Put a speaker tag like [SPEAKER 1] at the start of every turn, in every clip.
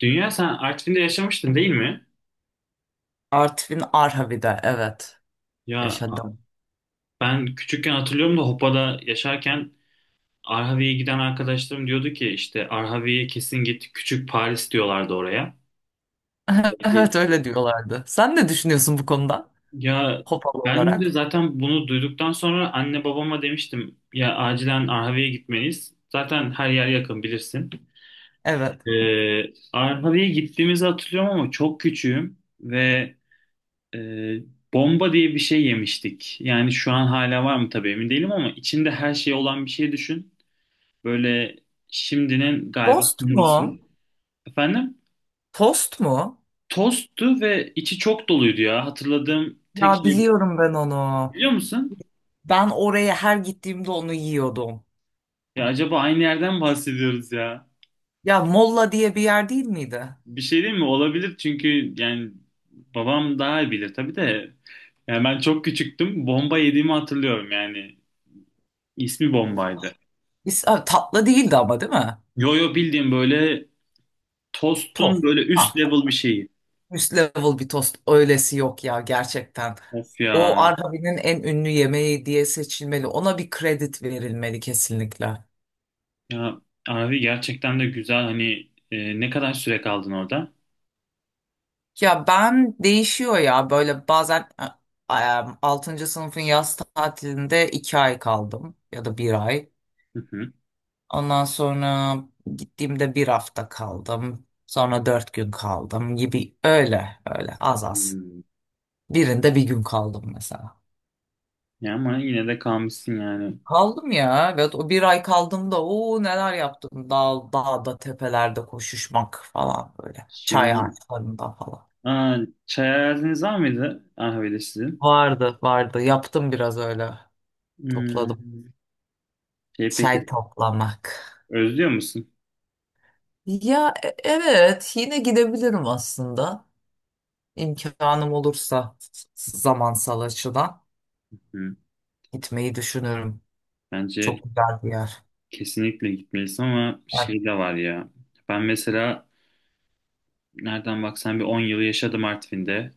[SPEAKER 1] Dünya, sen Artvin'de yaşamıştın, değil mi?
[SPEAKER 2] Artvin Arhavi'de evet
[SPEAKER 1] Ya,
[SPEAKER 2] yaşadım.
[SPEAKER 1] ben küçükken hatırlıyorum da Hopa'da yaşarken Arhavi'ye giden arkadaşlarım diyordu ki işte Arhavi'ye kesin git, küçük Paris diyorlardı oraya.
[SPEAKER 2] Evet öyle diyorlardı. Sen ne düşünüyorsun bu konuda?
[SPEAKER 1] Ya,
[SPEAKER 2] Hopalı
[SPEAKER 1] ben de
[SPEAKER 2] olarak.
[SPEAKER 1] zaten bunu duyduktan sonra anne babama demiştim ya acilen Arhavi'ye gitmeliyiz. Zaten her yer yakın, bilirsin.
[SPEAKER 2] Evet.
[SPEAKER 1] Arhavi'ye gittiğimizi hatırlıyorum ama çok küçüğüm ve Ee, bomba diye bir şey yemiştik. Yani şu an hala var mı tabii emin değilim ama içinde her şey olan bir şey düşün. Böyle şimdinin galiba
[SPEAKER 2] Tost
[SPEAKER 1] kumrusu.
[SPEAKER 2] mu?
[SPEAKER 1] Efendim?
[SPEAKER 2] Tost mu?
[SPEAKER 1] Tosttu ve içi çok doluydu ya. Hatırladığım tek
[SPEAKER 2] Ya
[SPEAKER 1] şey bu.
[SPEAKER 2] biliyorum ben onu.
[SPEAKER 1] Biliyor musun?
[SPEAKER 2] Ben oraya her gittiğimde onu yiyordum.
[SPEAKER 1] Ya acaba aynı yerden bahsediyoruz ya.
[SPEAKER 2] Ya Molla diye bir yer değil miydi?
[SPEAKER 1] Bir şey değil mi? Olabilir çünkü yani babam daha iyi bilir tabii de. Yani ben çok küçüktüm. Bomba yediğimi hatırlıyorum yani. İsmi bombaydı.
[SPEAKER 2] Tatlı değildi ama değil mi?
[SPEAKER 1] Yo yo, bildiğim böyle tost'un
[SPEAKER 2] Tost.
[SPEAKER 1] böyle
[SPEAKER 2] Ha,
[SPEAKER 1] üst level bir şeyi.
[SPEAKER 2] üst level bir tost. Öylesi yok ya gerçekten.
[SPEAKER 1] Of
[SPEAKER 2] O
[SPEAKER 1] ya.
[SPEAKER 2] Arhavi'nin en ünlü yemeği diye seçilmeli. Ona bir kredi verilmeli kesinlikle.
[SPEAKER 1] Ya abi, gerçekten de güzel. Hani ne kadar süre kaldın orada?
[SPEAKER 2] Ya ben değişiyor ya böyle bazen e, e, sınıfın yaz tatilinde 2 ay kaldım ya da bir ay.
[SPEAKER 1] Hı hı.
[SPEAKER 2] Ondan sonra gittiğimde bir hafta kaldım. Sonra 4 gün kaldım gibi öyle öyle az az.
[SPEAKER 1] Hmm.
[SPEAKER 2] Birinde bir gün kaldım mesela.
[SPEAKER 1] Ya ama yine de kalmışsın yani.
[SPEAKER 2] Kaldım ya ve o bir ay kaldığımda o neler yaptım. Dağda tepelerde koşuşmak falan böyle. Çay
[SPEAKER 1] Şimdi
[SPEAKER 2] ağaçlarında falan.
[SPEAKER 1] aa, çay araziniz var mıydı Ahve'de sizin?
[SPEAKER 2] Vardı vardı yaptım biraz öyle topladım.
[SPEAKER 1] Hmm. Şey,
[SPEAKER 2] Çay
[SPEAKER 1] peki
[SPEAKER 2] toplamak.
[SPEAKER 1] özlüyor musun?
[SPEAKER 2] Ya evet yine gidebilirim aslında. İmkanım olursa zamansal açıdan
[SPEAKER 1] Hı.
[SPEAKER 2] gitmeyi düşünüyorum.
[SPEAKER 1] Bence
[SPEAKER 2] Çok güzel bir yer.
[SPEAKER 1] kesinlikle gitmelisin ama
[SPEAKER 2] Evet.
[SPEAKER 1] şey de var ya. Ben mesela nereden baksan bir 10 yıl yaşadım Artvin'de.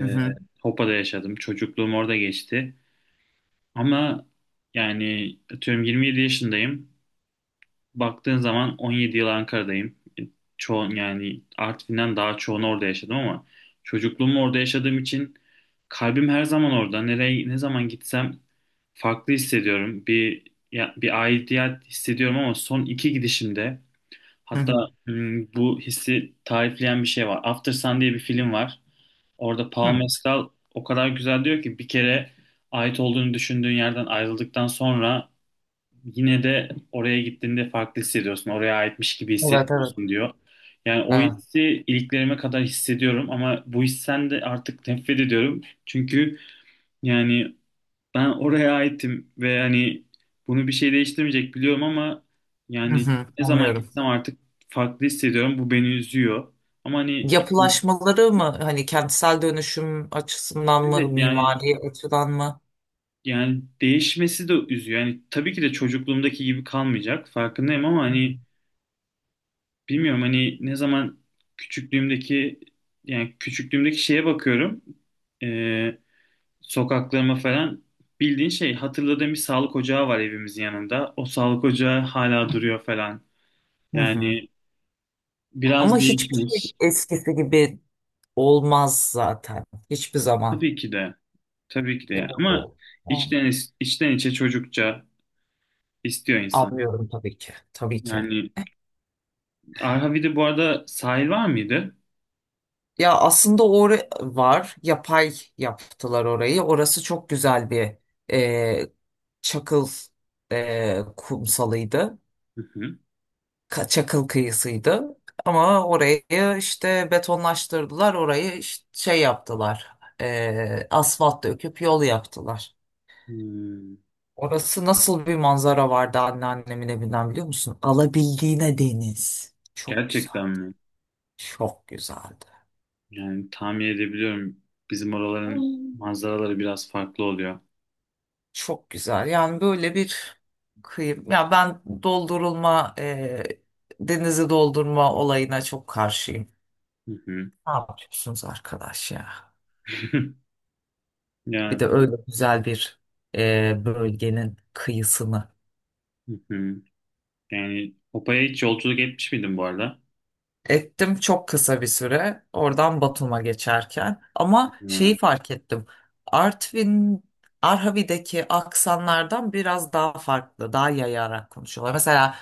[SPEAKER 2] Hı hı,
[SPEAKER 1] Hopa'da yaşadım. Çocukluğum orada geçti. Ama yani atıyorum 27 yaşındayım. Baktığın zaman 17 yıl Ankara'dayım. Çoğun yani Artvin'den daha çoğunu orada yaşadım ama çocukluğumu orada yaşadığım için kalbim her zaman orada. Nereye ne zaman gitsem farklı hissediyorum. Bir bir aidiyet hissediyorum ama son iki gidişimde
[SPEAKER 2] hı
[SPEAKER 1] hatta
[SPEAKER 2] hı,
[SPEAKER 1] bu hissi tarifleyen bir şey var. After Sun diye bir film var. Orada Pau
[SPEAKER 2] hı.
[SPEAKER 1] Mescal o kadar güzel diyor ki: bir kere ait olduğunu düşündüğün yerden ayrıldıktan sonra yine de oraya gittiğinde farklı hissediyorsun. Oraya aitmiş gibi
[SPEAKER 2] Evet, evet.
[SPEAKER 1] hissetmiyorsun, diyor. Yani o
[SPEAKER 2] Evet.
[SPEAKER 1] hissi iliklerime kadar hissediyorum ama bu hissen de artık nefret ediyorum. Çünkü yani ben oraya aitim ve hani bunu bir şey değiştirmeyecek biliyorum ama
[SPEAKER 2] Hı
[SPEAKER 1] yani
[SPEAKER 2] hı,
[SPEAKER 1] ne zaman
[SPEAKER 2] anlıyorum.
[SPEAKER 1] gitsem artık farklı hissediyorum. Bu beni üzüyor. Ama hani
[SPEAKER 2] Yapılaşmaları mı hani kentsel dönüşüm açısından mı
[SPEAKER 1] evet yani,
[SPEAKER 2] mimari açıdan mı?
[SPEAKER 1] yani değişmesi de üzüyor. Yani tabii ki de çocukluğumdaki gibi kalmayacak. Farkındayım ama hani bilmiyorum, hani ne zaman küçüklüğümdeki, yani küçüklüğümdeki şeye bakıyorum. Ee, sokaklarıma falan, bildiğin şey hatırladığım bir sağlık ocağı var evimizin yanında. O sağlık ocağı hala duruyor falan.
[SPEAKER 2] Hı hı.
[SPEAKER 1] Yani biraz
[SPEAKER 2] Ama hiçbir şey
[SPEAKER 1] değişmiş.
[SPEAKER 2] eskisi gibi olmaz zaten. Hiçbir zaman.
[SPEAKER 1] Tabii ki de. Tabii ki de yani.
[SPEAKER 2] Evet.
[SPEAKER 1] Ama içten, içten içe çocukça istiyor insan.
[SPEAKER 2] Anlıyorum tabii ki. Tabii ki.
[SPEAKER 1] Yani Arhavi'de bu arada sahil var mıydı?
[SPEAKER 2] Ya aslında var. Yapay yaptılar orayı. Orası çok güzel bir e, çakıl kumsalıydı. Çakıl kıyısıydı. Ama orayı işte betonlaştırdılar. Orayı işte şey yaptılar. Asfalt döküp yol yaptılar.
[SPEAKER 1] Hmm,
[SPEAKER 2] Orası nasıl bir manzara vardı anneannemin evinden biliyor musun? Alabildiğine deniz. Çok güzel.
[SPEAKER 1] gerçekten mi?
[SPEAKER 2] Çok güzeldi.
[SPEAKER 1] Yani tahmin edebiliyorum. Bizim oraların manzaraları biraz farklı oluyor.
[SPEAKER 2] Çok güzel. Yani böyle bir kıyım. Ya ben denizi doldurma olayına çok karşıyım.
[SPEAKER 1] Hı hı.
[SPEAKER 2] Ne yapıyorsunuz arkadaş ya? Bir
[SPEAKER 1] Yani,
[SPEAKER 2] de öyle güzel bir bölgenin kıyısını.
[SPEAKER 1] hı hı. Yani Hopa'ya hiç yolculuk etmiş miydin bu arada?
[SPEAKER 2] Ettim çok kısa bir süre oradan Batum'a geçerken. Ama
[SPEAKER 1] Ha,
[SPEAKER 2] şeyi fark ettim. Artvin, Arhavi'deki aksanlardan biraz daha farklı, daha yayarak konuşuyorlar. Mesela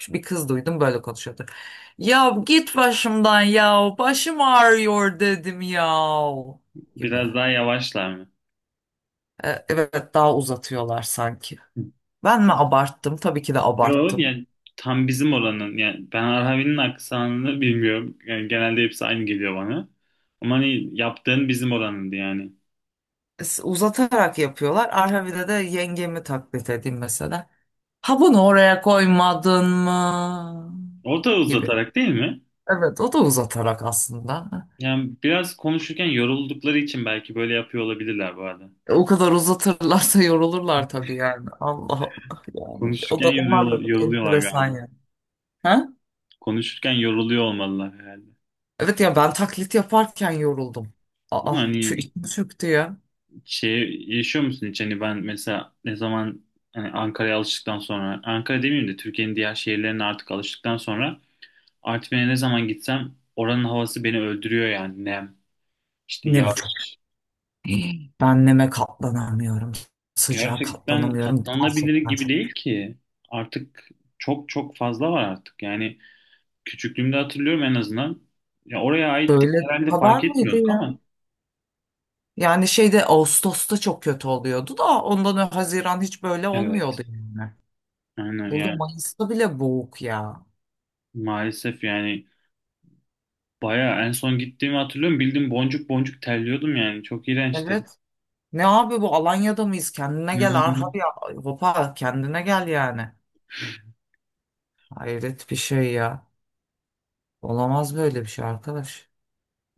[SPEAKER 2] şu bir kız duydum böyle konuşuyordu. Ya git başımdan ya başım ağrıyor dedim ya gibi.
[SPEAKER 1] biraz daha yavaşlar mı?
[SPEAKER 2] Evet daha uzatıyorlar sanki. Ben mi abarttım? Tabii ki de
[SPEAKER 1] Yok
[SPEAKER 2] abarttım.
[SPEAKER 1] yani, tam bizim oranın. Yani ben Arhavin'in aksanını bilmiyorum. Yani genelde hepsi aynı geliyor bana. Ama hani yaptığın bizim oranındı yani.
[SPEAKER 2] Uzatarak yapıyorlar. Arhavide de yengemi taklit edeyim mesela. Ha bunu oraya koymadın mı?
[SPEAKER 1] Orta
[SPEAKER 2] Gibi.
[SPEAKER 1] uzatarak değil mi?
[SPEAKER 2] Evet o da uzatarak aslında.
[SPEAKER 1] Yani biraz konuşurken yoruldukları için belki böyle yapıyor olabilirler bu arada.
[SPEAKER 2] O kadar uzatırlarsa yorulurlar tabii yani. Allah Allah yani. O
[SPEAKER 1] Konuşurken
[SPEAKER 2] da onlar
[SPEAKER 1] yoruluyorlar,
[SPEAKER 2] da bir
[SPEAKER 1] yoruluyorlar
[SPEAKER 2] enteresan
[SPEAKER 1] galiba.
[SPEAKER 2] yani. Ha?
[SPEAKER 1] Konuşurken yoruluyor olmalılar herhalde.
[SPEAKER 2] Evet ya ben taklit yaparken yoruldum. Aa
[SPEAKER 1] Ama
[SPEAKER 2] şu
[SPEAKER 1] hani
[SPEAKER 2] içim çöktü ya.
[SPEAKER 1] şey yaşıyor musun hiç? Hani ben mesela ne zaman hani Ankara'ya alıştıktan sonra, Ankara demeyeyim de Türkiye'nin diğer şehirlerine artık alıştıktan sonra Artvin'e ne zaman gitsem oranın havası beni öldürüyor yani. Nem, işte
[SPEAKER 2] Nem çok.
[SPEAKER 1] yağış.
[SPEAKER 2] Ben neme katlanamıyorum. Sıcağa
[SPEAKER 1] Gerçekten
[SPEAKER 2] katlanamıyorum.
[SPEAKER 1] katlanabilir
[SPEAKER 2] Gerçekten
[SPEAKER 1] gibi
[SPEAKER 2] çok.
[SPEAKER 1] değil ki. Artık çok çok fazla var artık. Yani küçüklüğümde hatırlıyorum en azından. Ya oraya aittik
[SPEAKER 2] Böyle bu
[SPEAKER 1] herhalde,
[SPEAKER 2] kadar
[SPEAKER 1] fark
[SPEAKER 2] mıydı
[SPEAKER 1] etmiyorduk
[SPEAKER 2] ya?
[SPEAKER 1] ama.
[SPEAKER 2] Yani şeyde Ağustos'ta çok kötü oluyordu da ondan önce Haziran hiç böyle
[SPEAKER 1] Evet.
[SPEAKER 2] olmuyordu yani.
[SPEAKER 1] Aynen
[SPEAKER 2] Burada
[SPEAKER 1] yani,
[SPEAKER 2] Mayıs'ta bile boğuk ya.
[SPEAKER 1] maalesef yani bayağı en son gittiğimi hatırlıyorum. Bildim boncuk boncuk terliyordum yani. Çok iğrençti.
[SPEAKER 2] Evet. Ne abi bu Alanya'da mıyız? Kendine gel Arhar
[SPEAKER 1] Hmm.
[SPEAKER 2] ya. Hopa kendine gel yani. Hayret bir şey ya. Olamaz böyle bir şey arkadaş.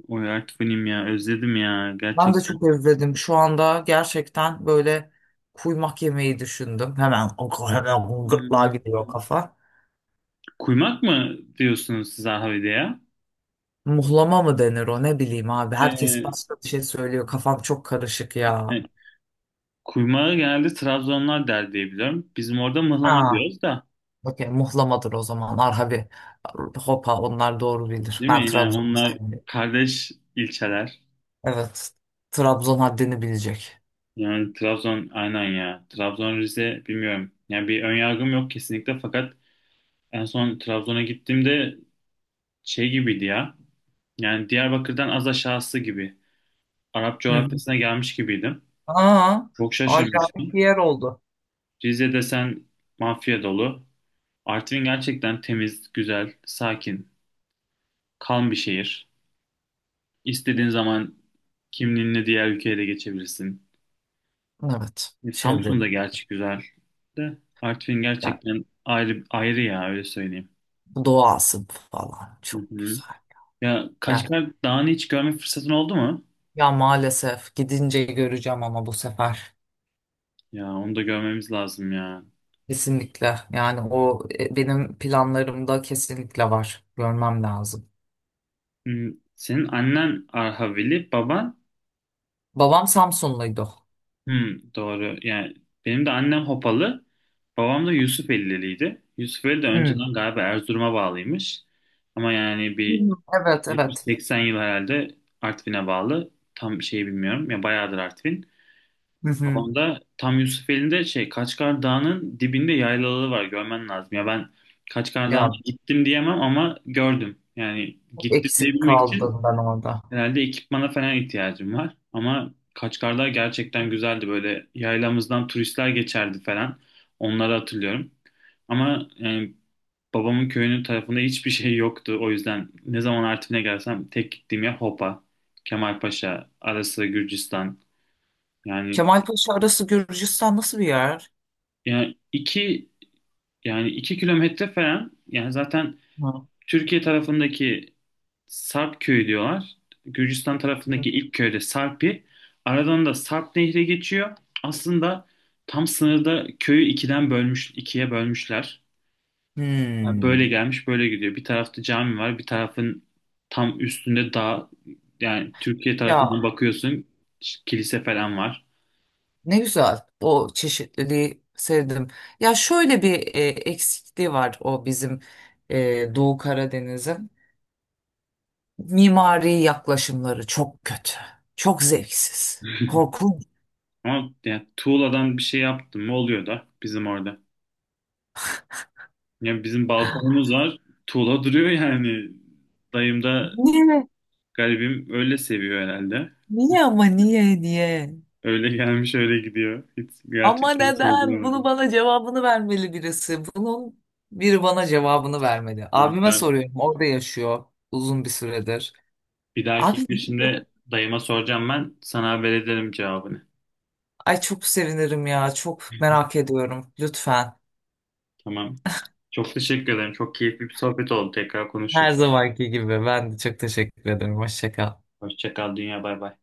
[SPEAKER 1] Oy, artık benim ya, özledim ya
[SPEAKER 2] Ben de
[SPEAKER 1] gerçekten.
[SPEAKER 2] çok özledim. Şu anda gerçekten böyle kuymak yemeği düşündüm. Hemen o hemen gırtlağa
[SPEAKER 1] Hmm.
[SPEAKER 2] gidiyor kafa.
[SPEAKER 1] Kuymak mı diyorsunuz siz Ahvede ya?
[SPEAKER 2] Muhlama mı denir o ne bileyim abi. Herkes
[SPEAKER 1] Ee,
[SPEAKER 2] başka bir şey söylüyor. Kafam çok karışık ya.
[SPEAKER 1] e, kuymağı genelde Trabzonlar der diye biliyorum. Bizim orada mıhlama
[SPEAKER 2] Aa,
[SPEAKER 1] diyoruz da,
[SPEAKER 2] okey muhlamadır o zaman. Arhavi. Hopa onlar doğru bilir.
[SPEAKER 1] değil
[SPEAKER 2] Ben
[SPEAKER 1] mi? Yani
[SPEAKER 2] Trabzon'u
[SPEAKER 1] onlar
[SPEAKER 2] sevmiyorum.
[SPEAKER 1] kardeş ilçeler.
[SPEAKER 2] Evet. Trabzon haddini bilecek.
[SPEAKER 1] Yani Trabzon aynen ya. Trabzon, Rize bilmiyorum. Yani bir ön yargım yok kesinlikle, fakat en son Trabzon'a gittiğimde şey gibiydi ya. Yani Diyarbakır'dan az aşağısı gibi. Arap
[SPEAKER 2] Hı.
[SPEAKER 1] coğrafyasına gelmiş gibiydim.
[SPEAKER 2] Aa,
[SPEAKER 1] Çok şaşırmıştım.
[SPEAKER 2] acayip bir yer oldu.
[SPEAKER 1] Rize desen mafya dolu. Artvin gerçekten temiz, güzel, sakin, kalm bir şehir. İstediğin zaman kimliğinle diğer ülkeye de geçebilirsin.
[SPEAKER 2] Evet.
[SPEAKER 1] Samsun da
[SPEAKER 2] Çevrenin.
[SPEAKER 1] gerçi güzel de Artvin
[SPEAKER 2] Yani
[SPEAKER 1] gerçekten ayrı ayrı ya, öyle söyleyeyim.
[SPEAKER 2] doğası falan
[SPEAKER 1] Hı
[SPEAKER 2] çok
[SPEAKER 1] hı.
[SPEAKER 2] güzel.
[SPEAKER 1] Ya Kaçkar Dağı'nı hiç görme fırsatın oldu mu?
[SPEAKER 2] Ya maalesef gidince göreceğim ama bu sefer.
[SPEAKER 1] Ya onu da görmemiz lazım ya.
[SPEAKER 2] Kesinlikle. Yani o benim planlarımda kesinlikle var. Görmem lazım.
[SPEAKER 1] Hmm, senin annen Arhavili, baban.
[SPEAKER 2] Babam Samsunluydu.
[SPEAKER 1] Hmm, doğru. Yani benim de annem Hopalı, babam da Yusufeliliydi. Yusufeli de
[SPEAKER 2] Hı. Hı.
[SPEAKER 1] önceden galiba Erzurum'a bağlıymış. Ama yani bir
[SPEAKER 2] Evet, evet.
[SPEAKER 1] 70-80 yıl herhalde Artvin'e bağlı. Tam şey bilmiyorum. Ya bayağıdır Artvin.
[SPEAKER 2] Hı hı.
[SPEAKER 1] Babam da tam Yusufeli'nde şey Kaçkar Dağı'nın dibinde yaylaları var. Görmen lazım. Ya ben Kaçkar Dağı'na
[SPEAKER 2] Ya
[SPEAKER 1] gittim diyemem ama gördüm. Yani
[SPEAKER 2] çok
[SPEAKER 1] gittim
[SPEAKER 2] eksik
[SPEAKER 1] diyebilmek için
[SPEAKER 2] kaldım ben orada.
[SPEAKER 1] herhalde ekipmana falan ihtiyacım var. Ama Kaçkarlar gerçekten güzeldi. Böyle yaylamızdan turistler geçerdi falan. Onları hatırlıyorum. Ama yani babamın köyünün tarafında hiçbir şey yoktu. O yüzden ne zaman Artvin'e gelsem tek gittiğim yer Hopa, Kemalpaşa, ara sıra Gürcistan. Yani,
[SPEAKER 2] Kemalpaşa arası Gürcistan nasıl bir yer?
[SPEAKER 1] yani iki yani iki kilometre falan yani. Zaten
[SPEAKER 2] Hı.
[SPEAKER 1] Türkiye tarafındaki Sarp köyü diyorlar. Gürcistan
[SPEAKER 2] Hı.
[SPEAKER 1] tarafındaki ilk köyde Sarpi. Aradan da Sarp Nehri geçiyor. Aslında tam sınırda köyü ikiye bölmüşler. Yani böyle
[SPEAKER 2] Hmm.
[SPEAKER 1] gelmiş, böyle gidiyor. Bir tarafta cami var, bir tarafın tam üstünde dağ. Yani Türkiye tarafından
[SPEAKER 2] Ya
[SPEAKER 1] bakıyorsun, kilise falan var.
[SPEAKER 2] ne güzel. O çeşitliliği sevdim. Ya şöyle bir eksikliği var o bizim Doğu Karadeniz'in. Mimari yaklaşımları çok kötü. Çok zevksiz. Korkunç.
[SPEAKER 1] Ama yani tuğladan bir şey yaptım mı oluyor da bizim orada. Yani bizim balkonumuz var. Tuğla duruyor yani. Dayım da
[SPEAKER 2] Niye?
[SPEAKER 1] garibim öyle seviyor herhalde.
[SPEAKER 2] Niye ama niye niye?
[SPEAKER 1] Öyle gelmiş öyle gidiyor. Hiç
[SPEAKER 2] Ama
[SPEAKER 1] gerçekten
[SPEAKER 2] neden? Bunu
[SPEAKER 1] sorgulamadım.
[SPEAKER 2] bana cevabını vermeli birisi. Bunun biri bana cevabını vermeli.
[SPEAKER 1] Tamam,
[SPEAKER 2] Abime
[SPEAKER 1] ben
[SPEAKER 2] soruyorum. Orada yaşıyor uzun bir süredir.
[SPEAKER 1] bir dahaki
[SPEAKER 2] Abi
[SPEAKER 1] gidişimde dayıma soracağım ben. Sana haber ederim cevabını.
[SPEAKER 2] ay çok sevinirim ya. Çok
[SPEAKER 1] Hı hı.
[SPEAKER 2] merak ediyorum. Lütfen.
[SPEAKER 1] Tamam. Çok teşekkür ederim. Çok keyifli bir sohbet oldu. Tekrar konuşuruz.
[SPEAKER 2] Her zamanki gibi. Ben de çok teşekkür ederim. Hoşça kal.
[SPEAKER 1] Hoşça kal. Dünya, bay bay.